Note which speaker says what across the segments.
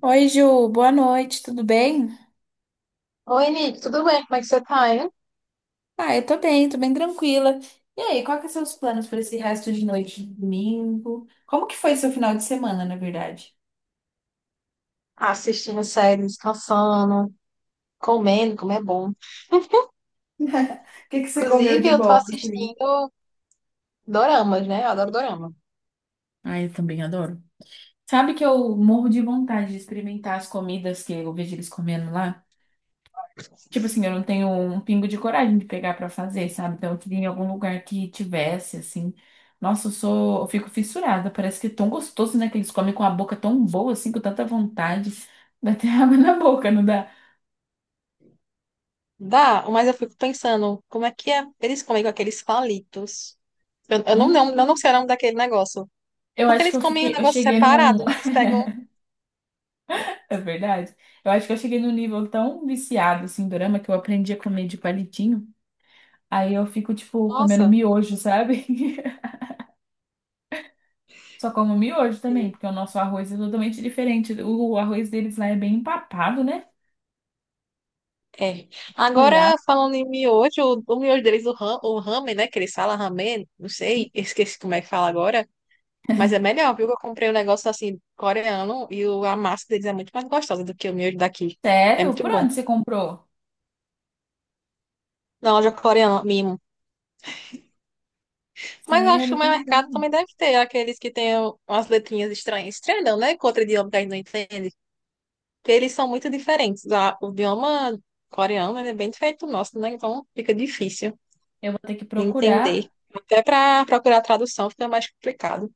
Speaker 1: Oi, Ju, boa noite, tudo bem?
Speaker 2: Oi, Nick, tudo bem? Como é que você tá, hein?
Speaker 1: Ah, eu tô bem tranquila. E aí, qual que são os planos para esse resto de noite de domingo? Como que foi seu final de semana, na verdade?
Speaker 2: Assistindo série, descansando, comendo, como é bom.
Speaker 1: O que que você comeu
Speaker 2: Inclusive,
Speaker 1: de
Speaker 2: eu tô
Speaker 1: bom, assim?
Speaker 2: assistindo doramas, né? Eu adoro dorama.
Speaker 1: Ah, eu também adoro. Sabe que eu morro de vontade de experimentar as comidas que eu vejo eles comendo lá? Tipo assim, eu não tenho um pingo de coragem de pegar pra fazer, sabe? Então eu queria em algum lugar que tivesse, assim. Nossa, eu fico fissurada. Parece que é tão gostoso, né? Que eles comem com a boca tão boa, assim, com tanta vontade. Dá até água na boca, não dá?
Speaker 2: Dá, mas eu fico pensando, como é que é? Eles comem com aqueles palitos. Eu
Speaker 1: Hum,
Speaker 2: não sei o nome daquele negócio.
Speaker 1: eu
Speaker 2: Porque
Speaker 1: acho que
Speaker 2: eles comem um
Speaker 1: eu
Speaker 2: negócio
Speaker 1: cheguei num.
Speaker 2: separado, né? Eles pegam.
Speaker 1: É verdade. Eu acho que eu cheguei num nível tão viciado, assim, em dorama, que eu aprendi a comer de palitinho. Aí eu fico, tipo, comendo
Speaker 2: Nossa.
Speaker 1: miojo, sabe? Só como miojo também,
Speaker 2: Sim.
Speaker 1: porque o nosso arroz é totalmente diferente. O arroz deles lá é bem empapado, né?
Speaker 2: É. Agora,
Speaker 1: Olhar?
Speaker 2: falando em miojo, o miojo deles, o ramen, né? Que eles falam ramen, não sei, esqueci como é que fala agora. Mas é melhor, viu? Eu comprei um negócio assim, coreano, e a massa deles é muito mais gostosa do que o meu daqui. É
Speaker 1: Sério?
Speaker 2: muito
Speaker 1: Por
Speaker 2: bom.
Speaker 1: onde você comprou?
Speaker 2: Na loja coreana, mimo. Mas eu acho que
Speaker 1: Sério,
Speaker 2: o
Speaker 1: que
Speaker 2: meu
Speaker 1: legal.
Speaker 2: mercado também deve ter aqueles que têm umas letrinhas estranhas. Estranho não, né? Com outro idioma que a gente não entende. Porque eles são muito diferentes. O idioma coreano, ele é bem diferente do nosso, né? Então fica difícil
Speaker 1: Eu vou ter que
Speaker 2: de entender.
Speaker 1: procurar.
Speaker 2: Até para procurar tradução fica mais complicado.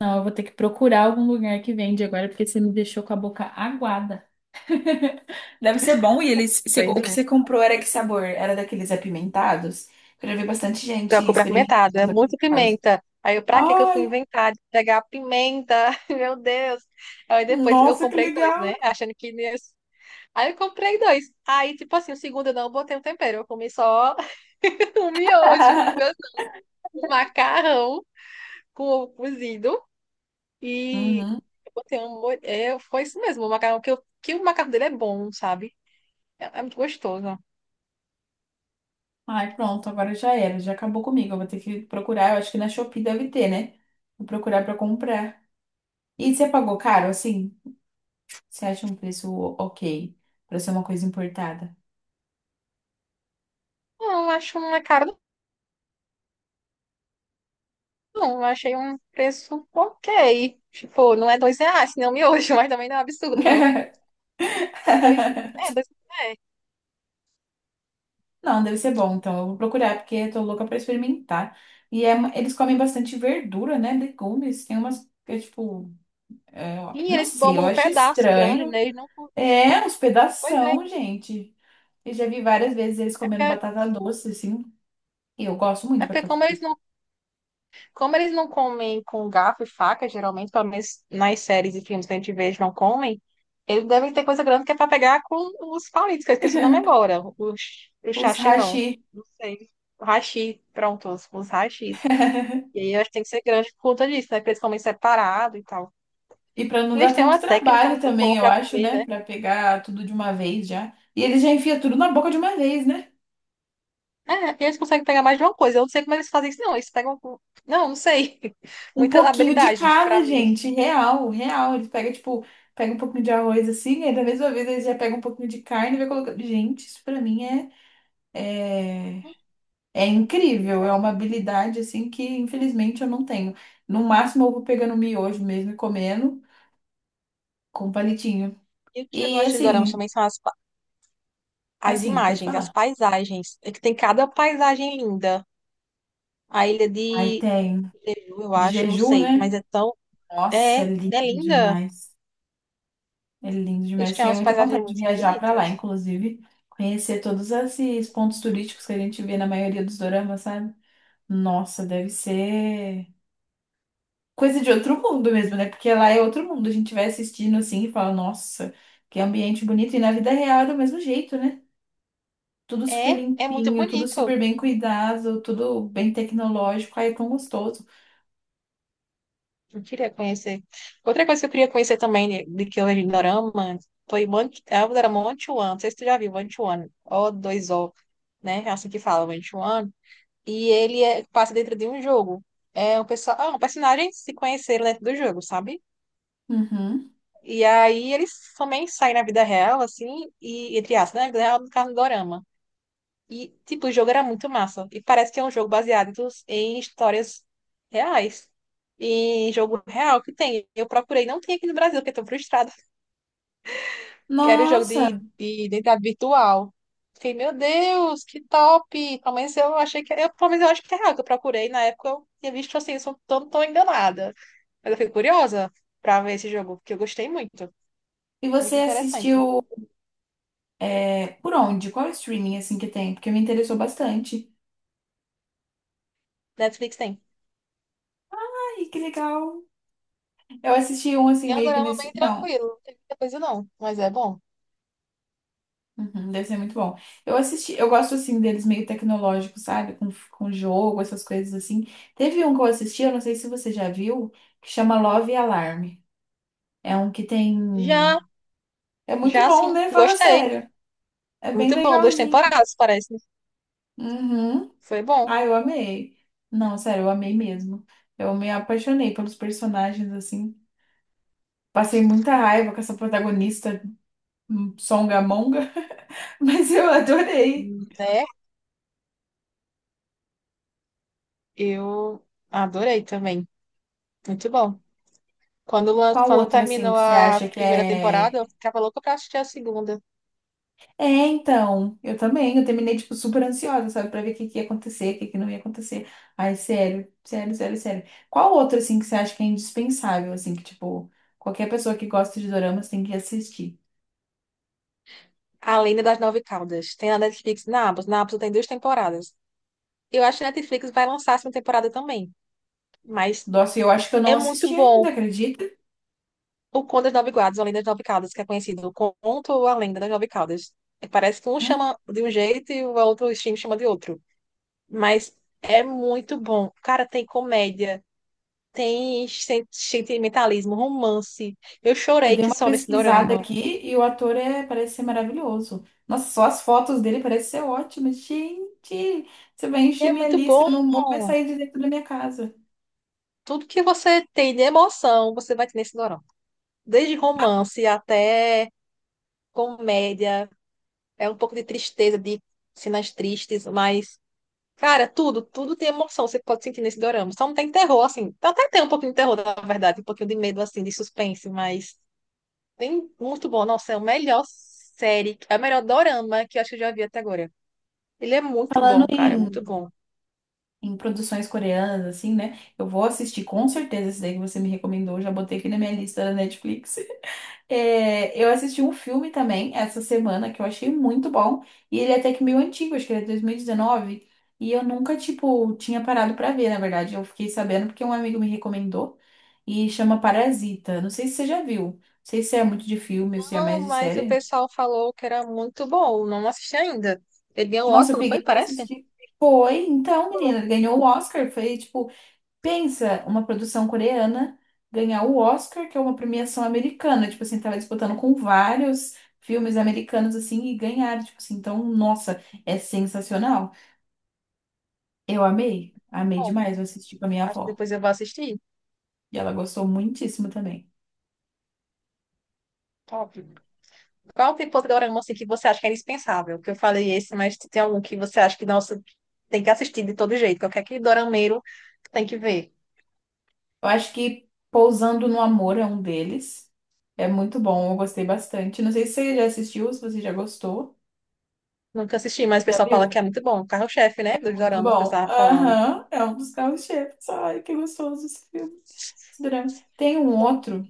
Speaker 1: Não, eu vou ter que procurar algum lugar que vende agora, porque você me deixou com a boca aguada. Deve ser bom. E eles,
Speaker 2: Pois
Speaker 1: o que
Speaker 2: é.
Speaker 1: você comprou era que sabor? Era daqueles apimentados? Eu já vi bastante gente
Speaker 2: Pior que
Speaker 1: experimentando
Speaker 2: apimentado, é
Speaker 1: os
Speaker 2: muito
Speaker 1: apimentados.
Speaker 2: pimenta. Aí eu, pra que que eu fui
Speaker 1: Ai,
Speaker 2: inventar de pegar pimenta? Meu Deus. Aí depois eu
Speaker 1: nossa, que
Speaker 2: comprei dois,
Speaker 1: legal!
Speaker 2: né? Achando que não ia... Aí eu comprei dois. Aí, tipo assim, o segundo eu não botei um tempero. Eu comi só um miojo, um macarrão com ovo cozido. E
Speaker 1: Uhum.
Speaker 2: eu botei um... É, foi isso mesmo, o macarrão. Que, eu... que o macarrão dele é bom, sabe? É, é muito gostoso.
Speaker 1: Ai, pronto, agora já era, já acabou comigo. Eu vou ter que procurar, eu acho que na Shopee deve ter, né? Vou procurar pra comprar. E você pagou caro, assim? Você acha um preço ok pra ser uma coisa importada?
Speaker 2: Não, eu acho uma cara. Não, eu achei um preço ok. Tipo, não é dois reais, não miojo, mas também não é um absurdo, não. É dois, é, dois, é.
Speaker 1: Não, deve ser bom, então eu vou procurar, porque eu tô louca pra experimentar. E é eles comem bastante verdura, né? Legumes. Tem umas que é tipo.
Speaker 2: E
Speaker 1: Não
Speaker 2: eles
Speaker 1: sei, eu
Speaker 2: bombam um
Speaker 1: acho
Speaker 2: pedaço grande,
Speaker 1: estranho.
Speaker 2: né? Eles não,
Speaker 1: É, uns
Speaker 2: pois é,
Speaker 1: pedação, gente. Eu já vi várias vezes eles comendo
Speaker 2: porque,
Speaker 1: batata doce, assim. E eu gosto muito
Speaker 2: é
Speaker 1: de
Speaker 2: porque
Speaker 1: batata doce.
Speaker 2: como eles não comem com garfo e faca, geralmente, pelo menos nas séries e filmes que a gente vê, eles não comem, eles devem ter coisa grande que é pra pegar com os palitos, que eu esqueci o nome agora. Os, o
Speaker 1: Os
Speaker 2: sachê, não.
Speaker 1: hashi.
Speaker 2: Não sei. O hashi, pronto, os hashis. E aí eu acho que tem que ser grande por conta disso, né? Porque eles comerem separado e tal.
Speaker 1: E para não dar
Speaker 2: Eles têm
Speaker 1: tanto
Speaker 2: uma técnica
Speaker 1: trabalho
Speaker 2: muito
Speaker 1: também,
Speaker 2: boa
Speaker 1: eu
Speaker 2: pra
Speaker 1: acho,
Speaker 2: comer,
Speaker 1: né?
Speaker 2: né?
Speaker 1: Para pegar tudo de uma vez já. E eles já enfiam tudo na boca de uma vez, né?
Speaker 2: É, eles conseguem pegar mais de uma coisa. Eu não sei como eles fazem isso, não. Eles pegam. Não, não sei.
Speaker 1: Um
Speaker 2: Muitas
Speaker 1: pouquinho de
Speaker 2: habilidades pra
Speaker 1: cada,
Speaker 2: mim.
Speaker 1: gente. Real, real. Eles pegam, tipo, pega um pouquinho de arroz assim, aí da mesma vez eles já pegam um pouquinho de carne e vai colocando. Gente, isso pra mim é, é
Speaker 2: Pois
Speaker 1: incrível. É
Speaker 2: é.
Speaker 1: uma habilidade, assim, que infelizmente eu não tenho. No máximo eu vou pegando miojo mesmo e comendo com palitinho.
Speaker 2: E o que eu
Speaker 1: E
Speaker 2: gosto de Dorama
Speaker 1: assim,
Speaker 2: também são as
Speaker 1: assim, pode
Speaker 2: imagens, as
Speaker 1: falar.
Speaker 2: paisagens. É que tem cada paisagem linda. A ilha
Speaker 1: Aí
Speaker 2: de
Speaker 1: tem
Speaker 2: Jeju, eu
Speaker 1: de
Speaker 2: acho, não
Speaker 1: jejum,
Speaker 2: sei. Mas
Speaker 1: né?
Speaker 2: é tão.
Speaker 1: Nossa, é
Speaker 2: É, é
Speaker 1: lindo
Speaker 2: linda.
Speaker 1: demais. É lindo
Speaker 2: Eles
Speaker 1: demais.
Speaker 2: têm
Speaker 1: Tenho
Speaker 2: umas
Speaker 1: muita
Speaker 2: paisagens
Speaker 1: vontade de
Speaker 2: muito
Speaker 1: viajar para lá,
Speaker 2: bonitas.
Speaker 1: inclusive, conhecer todos esses pontos turísticos que a gente vê na maioria dos doramas, sabe? Nossa, deve ser coisa de outro mundo mesmo, né? Porque lá é outro mundo. A gente vai assistindo assim e fala, nossa, que ambiente bonito. E na vida real é do mesmo jeito, né? Tudo super
Speaker 2: É, é muito
Speaker 1: limpinho, tudo
Speaker 2: bonito.
Speaker 1: super bem cuidado, tudo bem tecnológico. Aí é tão gostoso.
Speaker 2: Eu queria conhecer. Outra coisa que eu queria conhecer também, de que eu vejo em Dorama, foi Monte, era Monte One, não sei se tu já viu, Monte One, o dois o né? É assim que fala, Monte One. E passa dentro de um jogo. É um, pessoal, ah, um personagem se conheceram dentro do jogo, sabe?
Speaker 1: Uhum.
Speaker 2: E aí eles também saem na vida real, assim, e entre aspas, né? Na vida real, no caso do Dorama. E, tipo, o jogo era muito massa. E parece que é um jogo baseado em histórias reais. Em jogo real que tem. Eu procurei, não tem aqui no Brasil, porque eu tô frustrada. Que era o jogo de,
Speaker 1: Nossa,
Speaker 2: de identidade virtual. Fiquei, meu Deus, que top! Pelo menos eu achei que. Eu, pelo menos eu acho que é real que eu procurei. Na época eu tinha visto assim, tô, tô enganada. Mas eu fiquei curiosa pra ver esse jogo, porque eu gostei muito.
Speaker 1: e você
Speaker 2: Muito interessante.
Speaker 1: assistiu. É, por onde? Qual é o streaming assim que tem? Porque me interessou bastante.
Speaker 2: Netflix tem.
Speaker 1: Ai, que legal. Eu assisti um assim
Speaker 2: É um
Speaker 1: meio que
Speaker 2: drama bem
Speaker 1: nesse. Não.
Speaker 2: tranquilo, não tem muita coisa não, mas é bom.
Speaker 1: Uhum, deve ser muito bom. Eu assisti, eu gosto assim deles meio tecnológicos, sabe? Com jogo, essas coisas assim. Teve um que eu assisti, eu não sei se você já viu, que chama Love Alarm. É um que tem.
Speaker 2: Já.
Speaker 1: É muito
Speaker 2: Já
Speaker 1: bom,
Speaker 2: sim,
Speaker 1: né? Fala
Speaker 2: gostei.
Speaker 1: sério. É bem
Speaker 2: Muito bom, duas
Speaker 1: legalzinho.
Speaker 2: temporadas, parece.
Speaker 1: Uhum.
Speaker 2: Foi bom.
Speaker 1: Ai, eu amei. Não, sério, eu amei mesmo. Eu me apaixonei pelos personagens, assim. Passei muita raiva com essa protagonista songamonga, mas eu adorei.
Speaker 2: Né? Eu adorei também. Muito bom.
Speaker 1: Qual
Speaker 2: Quando
Speaker 1: outro, assim,
Speaker 2: terminou
Speaker 1: que você
Speaker 2: a
Speaker 1: acha que
Speaker 2: primeira temporada,
Speaker 1: é.
Speaker 2: eu ficava louca pra assistir a segunda.
Speaker 1: É, então, eu também. Eu terminei, tipo, super ansiosa, sabe, pra ver o que que ia acontecer, o que que não ia acontecer. Ai, sério, sério, sério, sério. Qual outro, assim, que você acha que é indispensável, assim, que, tipo, qualquer pessoa que gosta de doramas tem que assistir?
Speaker 2: A Lenda das Nove Caudas. Tem na Netflix, na Amazon. Na Amazon tem duas temporadas. Eu acho que a Netflix vai lançar a segunda temporada também. Mas
Speaker 1: Nossa, eu acho que eu não
Speaker 2: é muito
Speaker 1: assisti
Speaker 2: bom.
Speaker 1: ainda, acredita?
Speaker 2: O Conto das Nove Guardas, ou a Lenda das Nove Caudas, que é conhecido. O Conto ou a Lenda das Nove Caudas. Parece que um chama de um jeito e o outro stream chama de outro. Mas é muito bom. Cara, tem comédia, tem sentimentalismo, romance. Eu
Speaker 1: Eu
Speaker 2: chorei
Speaker 1: dei
Speaker 2: que
Speaker 1: uma
Speaker 2: só nesse
Speaker 1: pesquisada
Speaker 2: dorama.
Speaker 1: aqui e o ator é, parece ser maravilhoso. Nossa, só as fotos dele parecem ser ótimas. Gente, você vai
Speaker 2: E
Speaker 1: encher
Speaker 2: é
Speaker 1: minha
Speaker 2: muito
Speaker 1: lista,
Speaker 2: bom.
Speaker 1: eu não vou mais sair de dentro da minha casa.
Speaker 2: Tudo que você tem de emoção, você vai ter nesse dorama. Desde romance até comédia, é um pouco de tristeza, de cenas tristes, mas, cara, tudo, tudo tem emoção, você pode sentir nesse dorama. Só não tem terror, assim. Até tem um pouquinho de terror, na verdade, um pouquinho de medo, assim, de suspense, mas tem muito bom. Nossa, é a melhor série, é o melhor dorama que eu acho que eu já vi até agora. Ele é muito
Speaker 1: Falando
Speaker 2: bom, cara, muito
Speaker 1: em,
Speaker 2: bom.
Speaker 1: em produções coreanas, assim, né? Eu vou assistir com certeza esse daí que você me recomendou, já botei aqui na minha lista da Netflix. É, eu assisti um filme também essa semana que eu achei muito bom. E ele é até que meio antigo, acho que ele é 2019. E dezenove. E eu nunca, tipo, tinha parado pra ver, na verdade. Eu fiquei sabendo porque um amigo me recomendou. E chama Parasita. Não sei se você já viu. Não sei se é muito de filme ou se é
Speaker 2: Não,
Speaker 1: mais de
Speaker 2: mas o
Speaker 1: série.
Speaker 2: pessoal falou que era muito bom. Não assisti ainda. Ele ganhou o
Speaker 1: Nossa, eu
Speaker 2: Oscar, não foi?
Speaker 1: peguei pra
Speaker 2: Parece?
Speaker 1: assistir. Foi, então, menina, ele ganhou o Oscar. Foi tipo, pensa, uma produção coreana ganhar o Oscar, que é uma premiação americana. Tipo assim, tava disputando com vários filmes americanos assim e ganharam. Tipo assim, então, nossa, é sensacional. Eu amei, amei
Speaker 2: Bom,
Speaker 1: demais. Eu assisti com a minha
Speaker 2: acho que
Speaker 1: avó.
Speaker 2: depois eu vou assistir.
Speaker 1: E ela gostou muitíssimo também.
Speaker 2: Top. Qual tipo de dorama assim, que você acha que é indispensável? Que eu falei esse, mas tem algum que você acha que, nossa, tem que assistir de todo jeito. Qualquer que dorameiro tem que ver.
Speaker 1: Eu acho que Pousando no Amor é um deles. É muito bom, eu gostei bastante. Não sei se você já assistiu, se você já gostou.
Speaker 2: Nunca assisti, mas
Speaker 1: Você
Speaker 2: o
Speaker 1: já
Speaker 2: pessoal fala que
Speaker 1: viu?
Speaker 2: é muito bom. Carro-chefe,
Speaker 1: É
Speaker 2: né? Dos
Speaker 1: muito
Speaker 2: doramas, o
Speaker 1: bom.
Speaker 2: pessoal tava falando.
Speaker 1: Aham, é um dos carros-chefes. Ai, que gostoso esse filme, esse drama. Tem um outro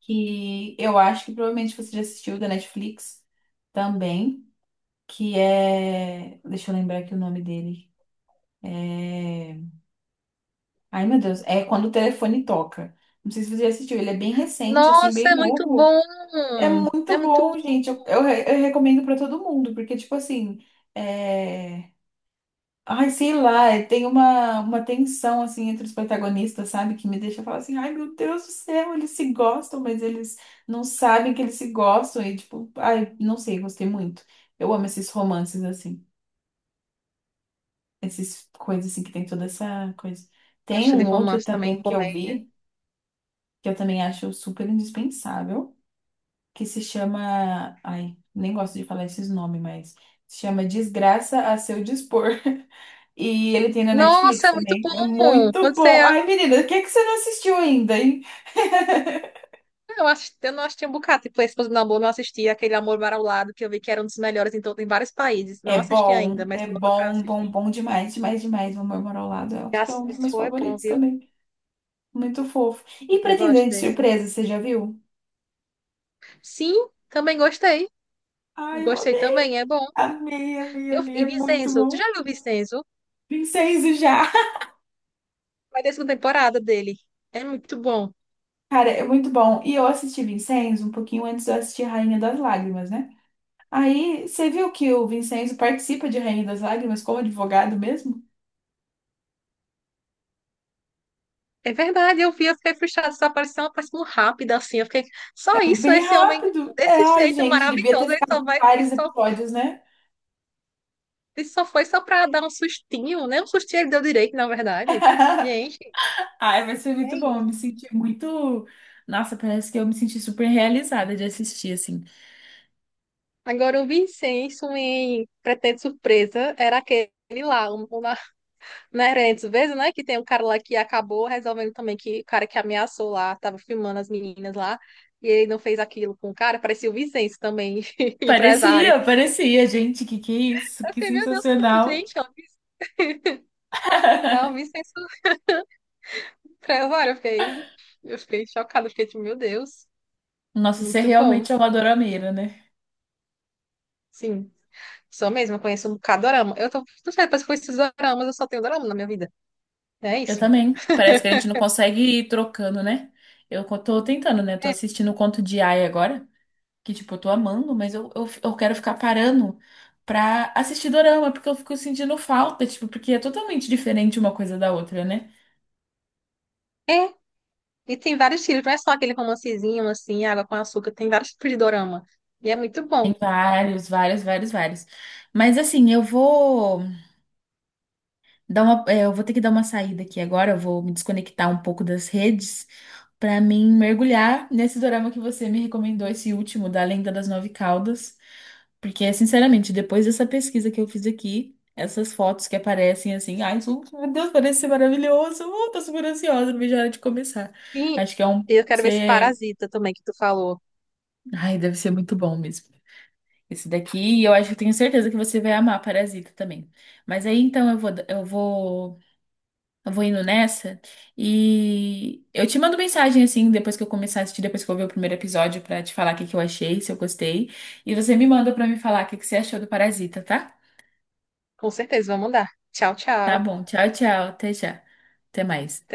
Speaker 1: que eu acho que provavelmente você já assistiu da Netflix também, que é. Deixa eu lembrar aqui o nome dele. É... Ai, meu Deus, é Quando o Telefone Toca. Não sei se você já assistiu, ele é bem recente, assim,
Speaker 2: Nossa,
Speaker 1: bem
Speaker 2: é muito
Speaker 1: novo.
Speaker 2: bom. É
Speaker 1: Muito
Speaker 2: muito
Speaker 1: bom,
Speaker 2: bom.
Speaker 1: gente. Eu recomendo pra todo mundo, porque, tipo assim, é... Ai, sei lá, tem uma tensão, assim, entre os protagonistas, sabe? Que me deixa falar assim, ai, meu Deus do céu, eles se gostam, mas eles não sabem que eles se gostam. E, tipo, ai, não sei, gostei muito. Eu amo esses romances, assim. Essas coisas, assim, que tem toda essa coisa.
Speaker 2: Eu
Speaker 1: Tem
Speaker 2: gosto de
Speaker 1: um outro
Speaker 2: romance também,
Speaker 1: também que eu
Speaker 2: comédia.
Speaker 1: vi, que eu também acho super indispensável. Que se chama. Ai, nem gosto de falar esses nomes, mas se chama Desgraça a Seu Dispor. E ele tem na Netflix
Speaker 2: Nossa, é muito
Speaker 1: também. É
Speaker 2: bom.
Speaker 1: muito
Speaker 2: Quando você.
Speaker 1: bom. Ai, menina, o que é que você não assistiu ainda, hein?
Speaker 2: Eu acho, eu não assisti um bocado. Tipo, Esposa do Namor, não assisti aquele Amor Para o Lado, que eu vi que era um dos melhores em, todo, em vários países. Não assisti ainda, mas
Speaker 1: É
Speaker 2: tô louca pra
Speaker 1: bom, bom,
Speaker 2: assistir.
Speaker 1: bom demais, demais, demais. Vou Morar ao Lado. Eu acho que é
Speaker 2: Graças a
Speaker 1: um dos
Speaker 2: Deus,
Speaker 1: meus
Speaker 2: foi é bom,
Speaker 1: favoritos
Speaker 2: viu?
Speaker 1: também. Muito fofo. E
Speaker 2: Eu gosto
Speaker 1: Pretendente
Speaker 2: desse.
Speaker 1: Surpresa, você já viu?
Speaker 2: Sim, também gostei.
Speaker 1: Ai, eu
Speaker 2: Gostei
Speaker 1: amei,
Speaker 2: também, é bom.
Speaker 1: amei, amei,
Speaker 2: Eu,
Speaker 1: amei.
Speaker 2: e
Speaker 1: É muito
Speaker 2: Vincenzo, tu
Speaker 1: bom.
Speaker 2: já viu Vincenzo?
Speaker 1: Vincenzo já.
Speaker 2: Vai ter segunda temporada dele. É muito bom.
Speaker 1: Cara, é muito bom. E eu assisti Vincenzo um pouquinho antes de eu assistir Rainha das Lágrimas, né? Aí, você viu que o Vincenzo participa de Rainha das Lágrimas como advogado mesmo?
Speaker 2: É verdade, eu vi, eu fiquei frustrada, essa aparição, aparição rápida, assim, eu fiquei, só
Speaker 1: É um
Speaker 2: isso,
Speaker 1: bem
Speaker 2: esse homem,
Speaker 1: rápido. É,
Speaker 2: desse
Speaker 1: ai,
Speaker 2: jeito
Speaker 1: gente, devia ter
Speaker 2: maravilhoso, ele só
Speaker 1: ficado
Speaker 2: vai,
Speaker 1: vários episódios, né?
Speaker 2: ele só foi só pra dar um sustinho, né? Um sustinho ele deu direito, na verdade. Gente,
Speaker 1: Ai, vai ser muito
Speaker 2: é
Speaker 1: bom. Eu me
Speaker 2: isso.
Speaker 1: senti muito. Nossa, parece que eu me senti super realizada de assistir, assim.
Speaker 2: Agora, o Vincenzo em Pretende Surpresa era aquele lá, o na Nerentes, vezes, né? Que tem um cara lá que acabou resolvendo também que o cara que ameaçou lá, tava filmando as meninas lá, e ele não fez aquilo com o cara, parecia o Vincenzo também, empresário.
Speaker 1: Parecia, parecia, gente, que é isso?
Speaker 2: Eu
Speaker 1: Que
Speaker 2: fiquei, meu Deus,
Speaker 1: sensacional.
Speaker 2: gente, ela me censurou pra ela, olha, eu fiquei chocada, fiquei tipo, meu Deus,
Speaker 1: Nossa, você
Speaker 2: muito bom.
Speaker 1: realmente é uma dorameira, né?
Speaker 2: Sim, sou mesmo, eu conheço um bocado de dorama. Eu tô, não sei, depois que eu conheci os doramas, eu só tenho dorama na minha vida. É
Speaker 1: Eu
Speaker 2: isso.
Speaker 1: também. Parece que a gente não consegue ir trocando, né? Tô tentando, né? Tô
Speaker 2: É,
Speaker 1: assistindo o Conto de Aia agora. Que, tipo, eu tô amando, mas eu quero ficar parando pra assistir dorama, porque eu fico sentindo falta, tipo, porque é totalmente diferente uma coisa da outra, né?
Speaker 2: é. E tem vários tipos, não é só aquele romancezinho assim, água com açúcar, tem vários tipos de dorama. E é muito
Speaker 1: Tem
Speaker 2: bom.
Speaker 1: vários, vários, vários, vários. Mas assim, eu vou. Eu vou ter que dar uma saída aqui agora, eu vou me desconectar um pouco das redes para mim mergulhar nesse dorama que você me recomendou, esse último, da Lenda das Nove Caudas. Porque, sinceramente, depois dessa pesquisa que eu fiz aqui, essas fotos que aparecem assim, ai, isso- meu Deus, parece ser maravilhoso. Tô super ansiosa, não vejo a hora de começar.
Speaker 2: Sim,
Speaker 1: Acho que é um.
Speaker 2: e eu quero ver esse
Speaker 1: Ser...
Speaker 2: Parasita também que tu falou.
Speaker 1: Ai, deve ser muito bom mesmo. Esse daqui, e eu acho que tenho certeza que você vai amar Parasita também. Mas aí então eu vou indo nessa e eu te mando mensagem assim, depois que eu começar a assistir, depois que eu ver o primeiro episódio, pra te falar o que que eu achei, se eu gostei. E você me manda pra me falar o que que você achou do Parasita, tá?
Speaker 2: Com certeza, vou mandar. Tchau,
Speaker 1: Tá
Speaker 2: tchau.
Speaker 1: bom, tchau, tchau, até já. Até mais.